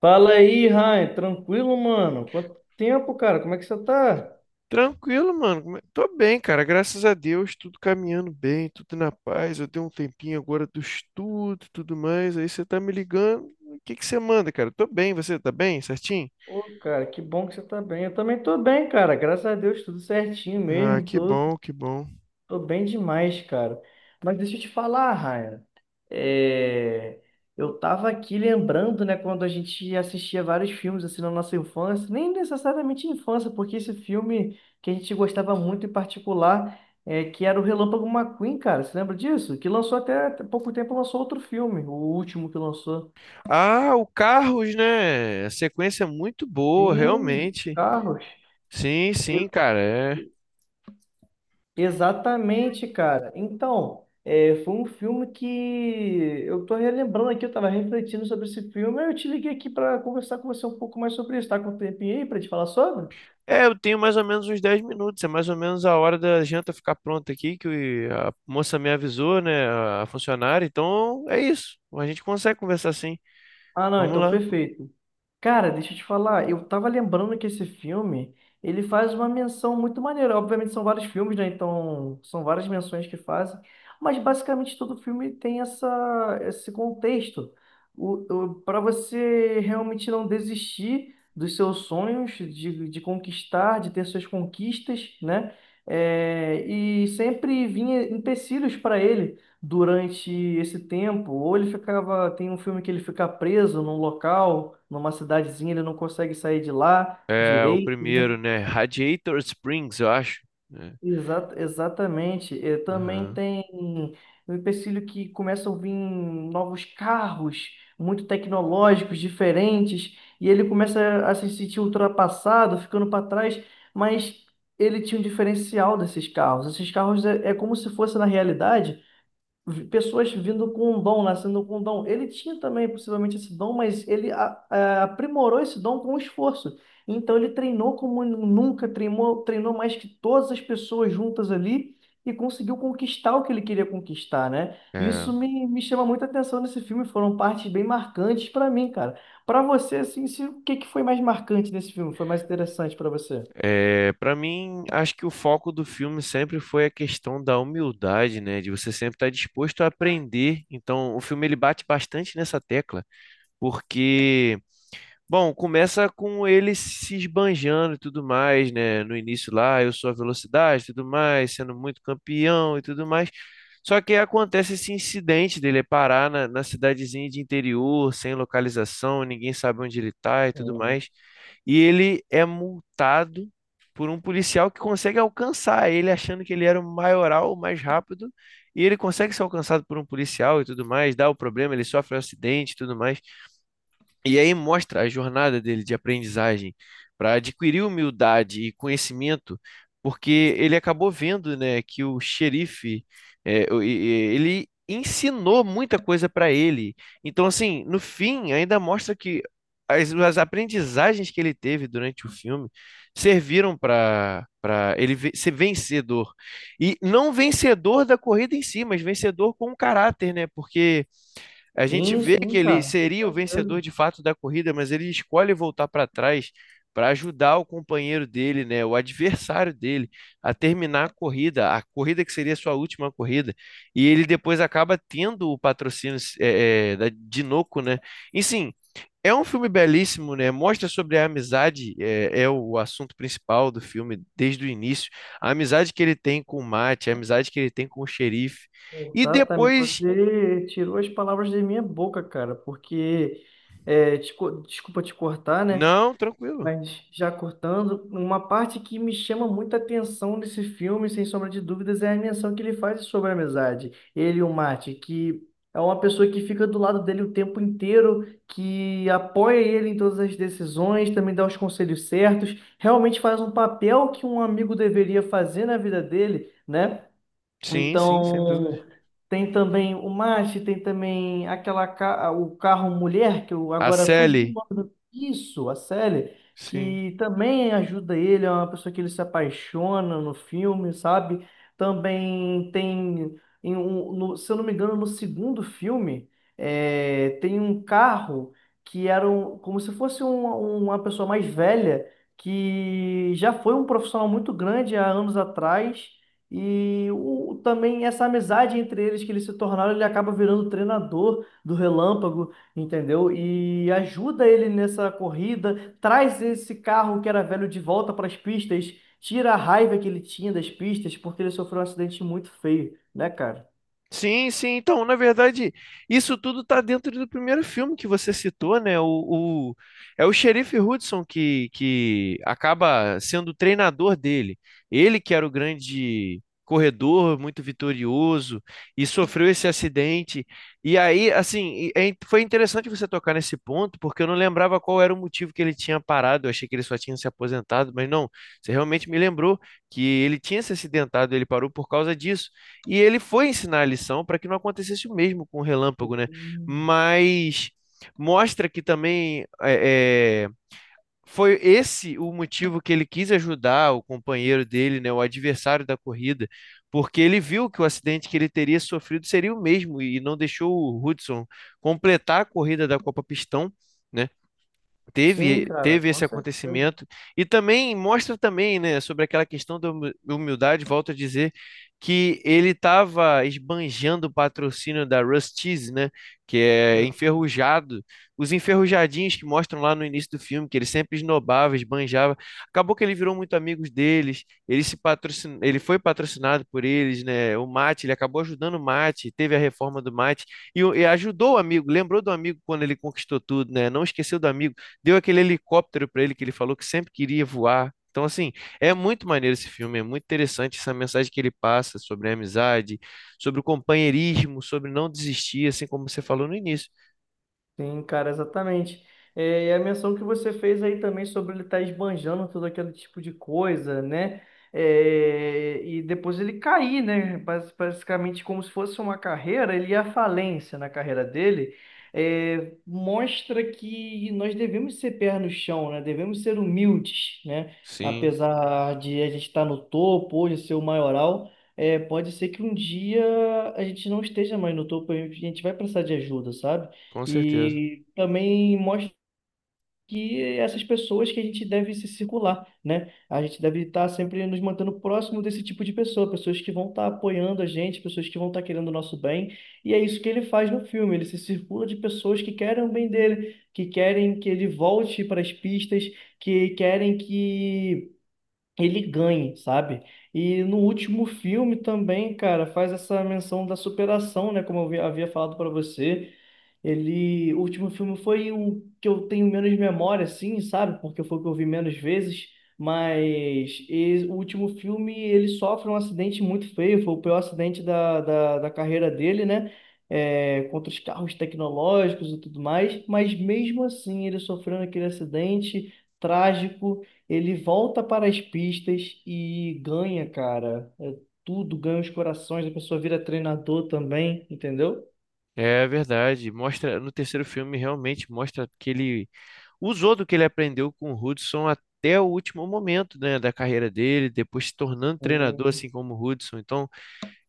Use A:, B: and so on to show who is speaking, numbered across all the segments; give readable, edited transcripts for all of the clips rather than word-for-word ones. A: Fala aí, Ryan. Tranquilo, mano? Quanto tempo, cara? Como é que você tá?
B: Tranquilo, mano. Tô bem, cara. Graças a Deus, tudo caminhando bem, tudo na paz. Eu dei um tempinho agora do estudo, tudo mais. Aí você tá me ligando. O que que você manda, cara? Tô bem, você tá bem, certinho?
A: Ô, cara, que bom que você tá bem. Eu também tô bem, cara. Graças a Deus, tudo certinho
B: Ah,
A: mesmo.
B: que bom, que bom.
A: Tô bem demais, cara. Mas deixa eu te falar, Ryan. É, Eu tava aqui lembrando, né, quando a gente assistia vários filmes assim na nossa infância, nem necessariamente infância, porque esse filme que a gente gostava muito em particular, que era o Relâmpago McQueen, cara. Você lembra disso? Que lançou até pouco tempo, lançou outro filme, o último que lançou.
B: Ah, o Carros, né? A sequência é muito boa,
A: Sim,
B: realmente.
A: Carros.
B: Sim, sim, cara. É.
A: Exatamente, cara. Então, foi um filme que eu tô relembrando aqui, eu tava refletindo sobre esse filme, aí eu te liguei aqui para conversar com você um pouco mais sobre isso. Tá com um tempinho aí para te falar sobre?
B: É, eu tenho mais ou menos uns 10 minutos, é mais ou menos a hora da janta ficar pronta aqui, que a moça me avisou, né, a funcionária, então é isso, a gente consegue conversar sim.
A: Ah, não,
B: Vamos
A: então
B: lá.
A: perfeito. Cara, deixa eu te falar, eu tava lembrando que esse filme, ele faz uma menção muito maneira. Obviamente são vários filmes, né? Então, são várias menções que fazem, mas basicamente todo filme tem esse contexto. O, para você realmente não desistir dos seus sonhos, de conquistar, de ter suas conquistas, né? É, e sempre vinha empecilhos para ele durante esse tempo, ou ele ficava. Tem um filme que ele fica preso num local, numa cidadezinha, ele não consegue sair de lá
B: É o
A: direito, né?
B: primeiro, né? Radiator Springs, eu acho. Né?
A: Exatamente. Eh, também
B: Aham.
A: tem o empecilho que começam a vir novos carros, muito tecnológicos, diferentes, e ele começa a se sentir ultrapassado, ficando para trás, mas ele tinha um diferencial desses carros. Esses carros é como se fosse na realidade pessoas vindo com um dom, nascendo com um dom. Ele tinha também possivelmente esse dom, mas ele aprimorou esse dom com esforço. Então ele treinou como nunca, treinou, treinou mais que todas as pessoas juntas ali e conseguiu conquistar o que ele queria conquistar, né?
B: É,
A: Isso me chama muita atenção nesse filme, foram partes bem marcantes para mim, cara. Para você, assim, se, o que que foi mais marcante nesse filme? Foi mais interessante para você?
B: Para mim, acho que o foco do filme sempre foi a questão da humildade, né? De você sempre estar disposto a aprender. Então, o filme ele bate bastante nessa tecla, porque, bom, começa com ele se esbanjando e tudo mais, né? No início lá, eu sou a velocidade e tudo mais, sendo muito campeão e tudo mais. Só que aí acontece esse incidente dele parar na cidadezinha de interior, sem localização, ninguém sabe onde ele tá e tudo
A: Hum.
B: mais. E ele é multado por um policial que consegue alcançar ele, achando que ele era o maioral, o mais rápido. E ele consegue ser alcançado por um policial e tudo mais, dá o problema, ele sofre um acidente e tudo mais. E aí mostra a jornada dele de aprendizagem para adquirir humildade e conhecimento, porque ele acabou vendo, né, que o xerife, é, ele ensinou muita coisa para ele. Então, assim, no fim, ainda mostra que as aprendizagens que ele teve durante o filme serviram para ele ser vencedor. E não vencedor da corrida em si, mas vencedor com caráter, né? Porque a gente
A: Sim,
B: vê que
A: sim,
B: ele
A: cara, com
B: seria o vencedor
A: certeza.
B: de fato da corrida, mas ele escolhe voltar para trás para ajudar o companheiro dele, né, o adversário dele, a terminar a corrida que seria sua última corrida. E ele depois acaba tendo o patrocínio da Dinoco, né? E sim, é um filme belíssimo, né? Mostra sobre a amizade, é o assunto principal do filme desde o início. A amizade que ele tem com o Mate, a amizade que ele tem com o xerife. E
A: Exatamente,
B: depois.
A: você tirou as palavras da minha boca, cara, porque, é, desculpa te cortar, né?
B: Não, tranquilo.
A: Mas já cortando, uma parte que me chama muita atenção nesse filme, sem sombra de dúvidas, é a menção que ele faz sobre a amizade. Ele e o Marty, que é uma pessoa que fica do lado dele o tempo inteiro, que apoia ele em todas as decisões, também dá os conselhos certos, realmente faz um papel que um amigo deveria fazer na vida dele, né?
B: Sim, sim, sem dúvida.
A: Então, tem também o Mach, tem também o carro mulher, que eu
B: A
A: agora fugi do
B: Sally,
A: nome do... Isso, a Sally,
B: sim.
A: que também ajuda ele, é uma pessoa que ele se apaixona no filme, sabe? Também tem, se eu não me engano, no segundo filme, tem um carro que era como se fosse uma pessoa mais velha, que já foi um profissional muito grande há anos atrás também essa amizade entre eles que eles se tornaram, ele acaba virando o treinador do Relâmpago, entendeu? E ajuda ele nessa corrida, traz esse carro que era velho de volta para as pistas, tira a raiva que ele tinha das pistas, porque ele sofreu um acidente muito feio, né, cara?
B: Sim, sim. Então, na verdade, isso tudo tá dentro do primeiro filme que você citou, né? O- É o xerife Hudson que acaba sendo o treinador dele. Ele que era o grande corredor, muito vitorioso, e sofreu esse acidente. E aí, assim, foi interessante você tocar nesse ponto, porque eu não lembrava qual era o motivo que ele tinha parado. Eu achei que ele só tinha se aposentado, mas não, você realmente me lembrou que ele tinha se acidentado, ele parou por causa disso. E ele foi ensinar a lição para que não acontecesse o mesmo com o Relâmpago, né? Mas mostra que também foi esse o motivo que ele quis ajudar o companheiro dele, né, o adversário da corrida, porque ele viu que o acidente que ele teria sofrido seria o mesmo e não deixou o Hudson completar a corrida da Copa Pistão, né?
A: Sim,
B: teve
A: cara,
B: teve
A: com
B: esse
A: certeza.
B: acontecimento e também mostra também, né, sobre aquela questão da humildade, volto a dizer que ele estava esbanjando o patrocínio da Rusty's, né, que é enferrujado, os enferrujadinhos que mostram lá no início do filme que ele sempre esnobava, esbanjava. Acabou que ele virou muito amigos deles, ele se patrocin... ele foi patrocinado por eles, né? O Mate, ele acabou ajudando o Mate, teve a reforma do Mate e ajudou o amigo, lembrou do amigo quando ele conquistou tudo, né? Não esqueceu do amigo. Deu aquele helicóptero para ele que ele falou que sempre queria voar. Então, assim, é muito maneiro esse filme, é muito interessante essa mensagem que ele passa sobre a amizade, sobre o companheirismo, sobre não desistir, assim como você falou no início.
A: Sim, cara, exatamente. É, e a menção que você fez aí também sobre ele estar esbanjando todo aquele tipo de coisa, né? É, e depois ele cair, né? Basicamente, como se fosse uma carreira, ele ia à falência na carreira dele. É, mostra que nós devemos ser pé no chão, né? Devemos ser humildes, né?
B: Sim,
A: Apesar de a gente estar no topo, hoje ser o maioral, é, pode ser que um dia a gente não esteja mais no topo, a gente vai precisar de ajuda, sabe?
B: com certeza.
A: E também mostra que essas pessoas que a gente deve se circular, né? A gente deve estar sempre nos mantendo próximo desse tipo de pessoa, pessoas que vão estar apoiando a gente, pessoas que vão estar querendo o nosso bem. E é isso que ele faz no filme, ele se circula de pessoas que querem o bem dele, que querem que ele volte para as pistas, que querem que ele ganhe, sabe? E no último filme também, cara, faz essa menção da superação, né? Como eu havia falado para você. Ele, o último filme foi o que eu tenho menos memória, assim, sabe? Porque foi o que eu vi menos vezes. Mas o último filme ele sofre um acidente muito feio, foi o pior acidente da carreira dele, né? É, contra os carros tecnológicos e tudo mais. Mas mesmo assim, ele sofrendo aquele acidente trágico. Ele volta para as pistas e ganha, cara. É tudo, ganha os corações, a pessoa vira treinador também, entendeu?
B: É verdade. Mostra, no terceiro filme realmente mostra que ele usou do que ele aprendeu com o Hudson até o último momento, né, da carreira dele, depois se tornando treinador,
A: Sim,
B: assim como o Hudson. Então,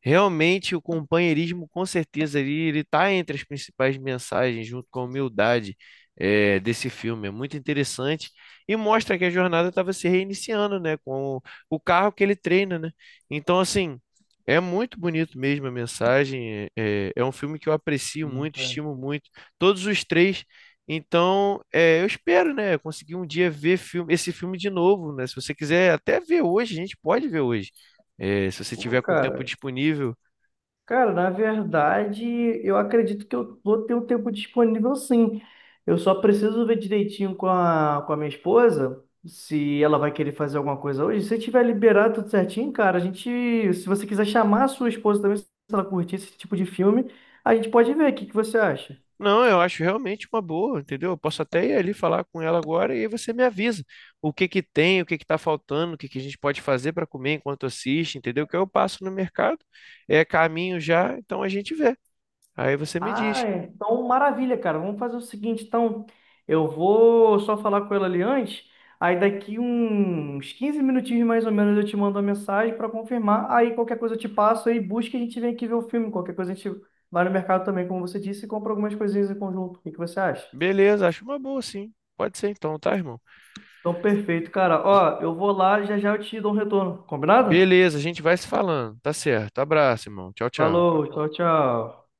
B: realmente, o companheirismo, com certeza, ele está entre as principais mensagens, junto com a humildade, desse filme. É muito interessante e mostra que a jornada estava se reiniciando, né? Com o carro que ele treina, né? Então, assim, é muito bonito mesmo a mensagem. É um filme que eu aprecio
A: sim,
B: muito,
A: cara.
B: estimo muito, todos os três. Então, eu espero, né, conseguir um dia ver filme, esse filme de novo, né? Se você quiser até ver hoje, a gente pode ver hoje. Se você
A: Pô,
B: tiver com tempo
A: cara.
B: disponível.
A: Cara, na verdade, eu acredito que eu vou ter um tempo disponível sim. Eu só preciso ver direitinho com a minha esposa se ela vai querer fazer alguma coisa hoje. Se tiver liberado tudo certinho, cara, se você quiser chamar a sua esposa também, se ela curtir esse tipo de filme, a gente pode ver. O que que você acha?
B: Não, eu acho realmente uma boa, entendeu? Eu posso até ir ali falar com ela agora e aí você me avisa o que que tem, o que que tá faltando, o que que a gente pode fazer para comer enquanto assiste, entendeu? Que eu passo no mercado, é caminho já, então a gente vê. Aí você me
A: Ah,
B: diz.
A: é. Então maravilha, cara. Vamos fazer o seguinte, então. Eu vou só falar com ela ali antes. Aí daqui uns 15 minutinhos mais ou menos eu te mando uma mensagem para confirmar. Aí qualquer coisa eu te passo aí busca e a gente vem aqui ver o filme. Qualquer coisa a gente vai no mercado também, como você disse, e compra algumas coisinhas em conjunto. O que que você acha?
B: Beleza, acho uma boa, sim. Pode ser então, tá, irmão?
A: Então, perfeito, cara. Ó, eu vou lá, já já eu te dou um retorno. Combinado?
B: Beleza, a gente vai se falando. Tá certo. Abraço, irmão. Tchau, tchau.
A: Falou, tchau, tchau.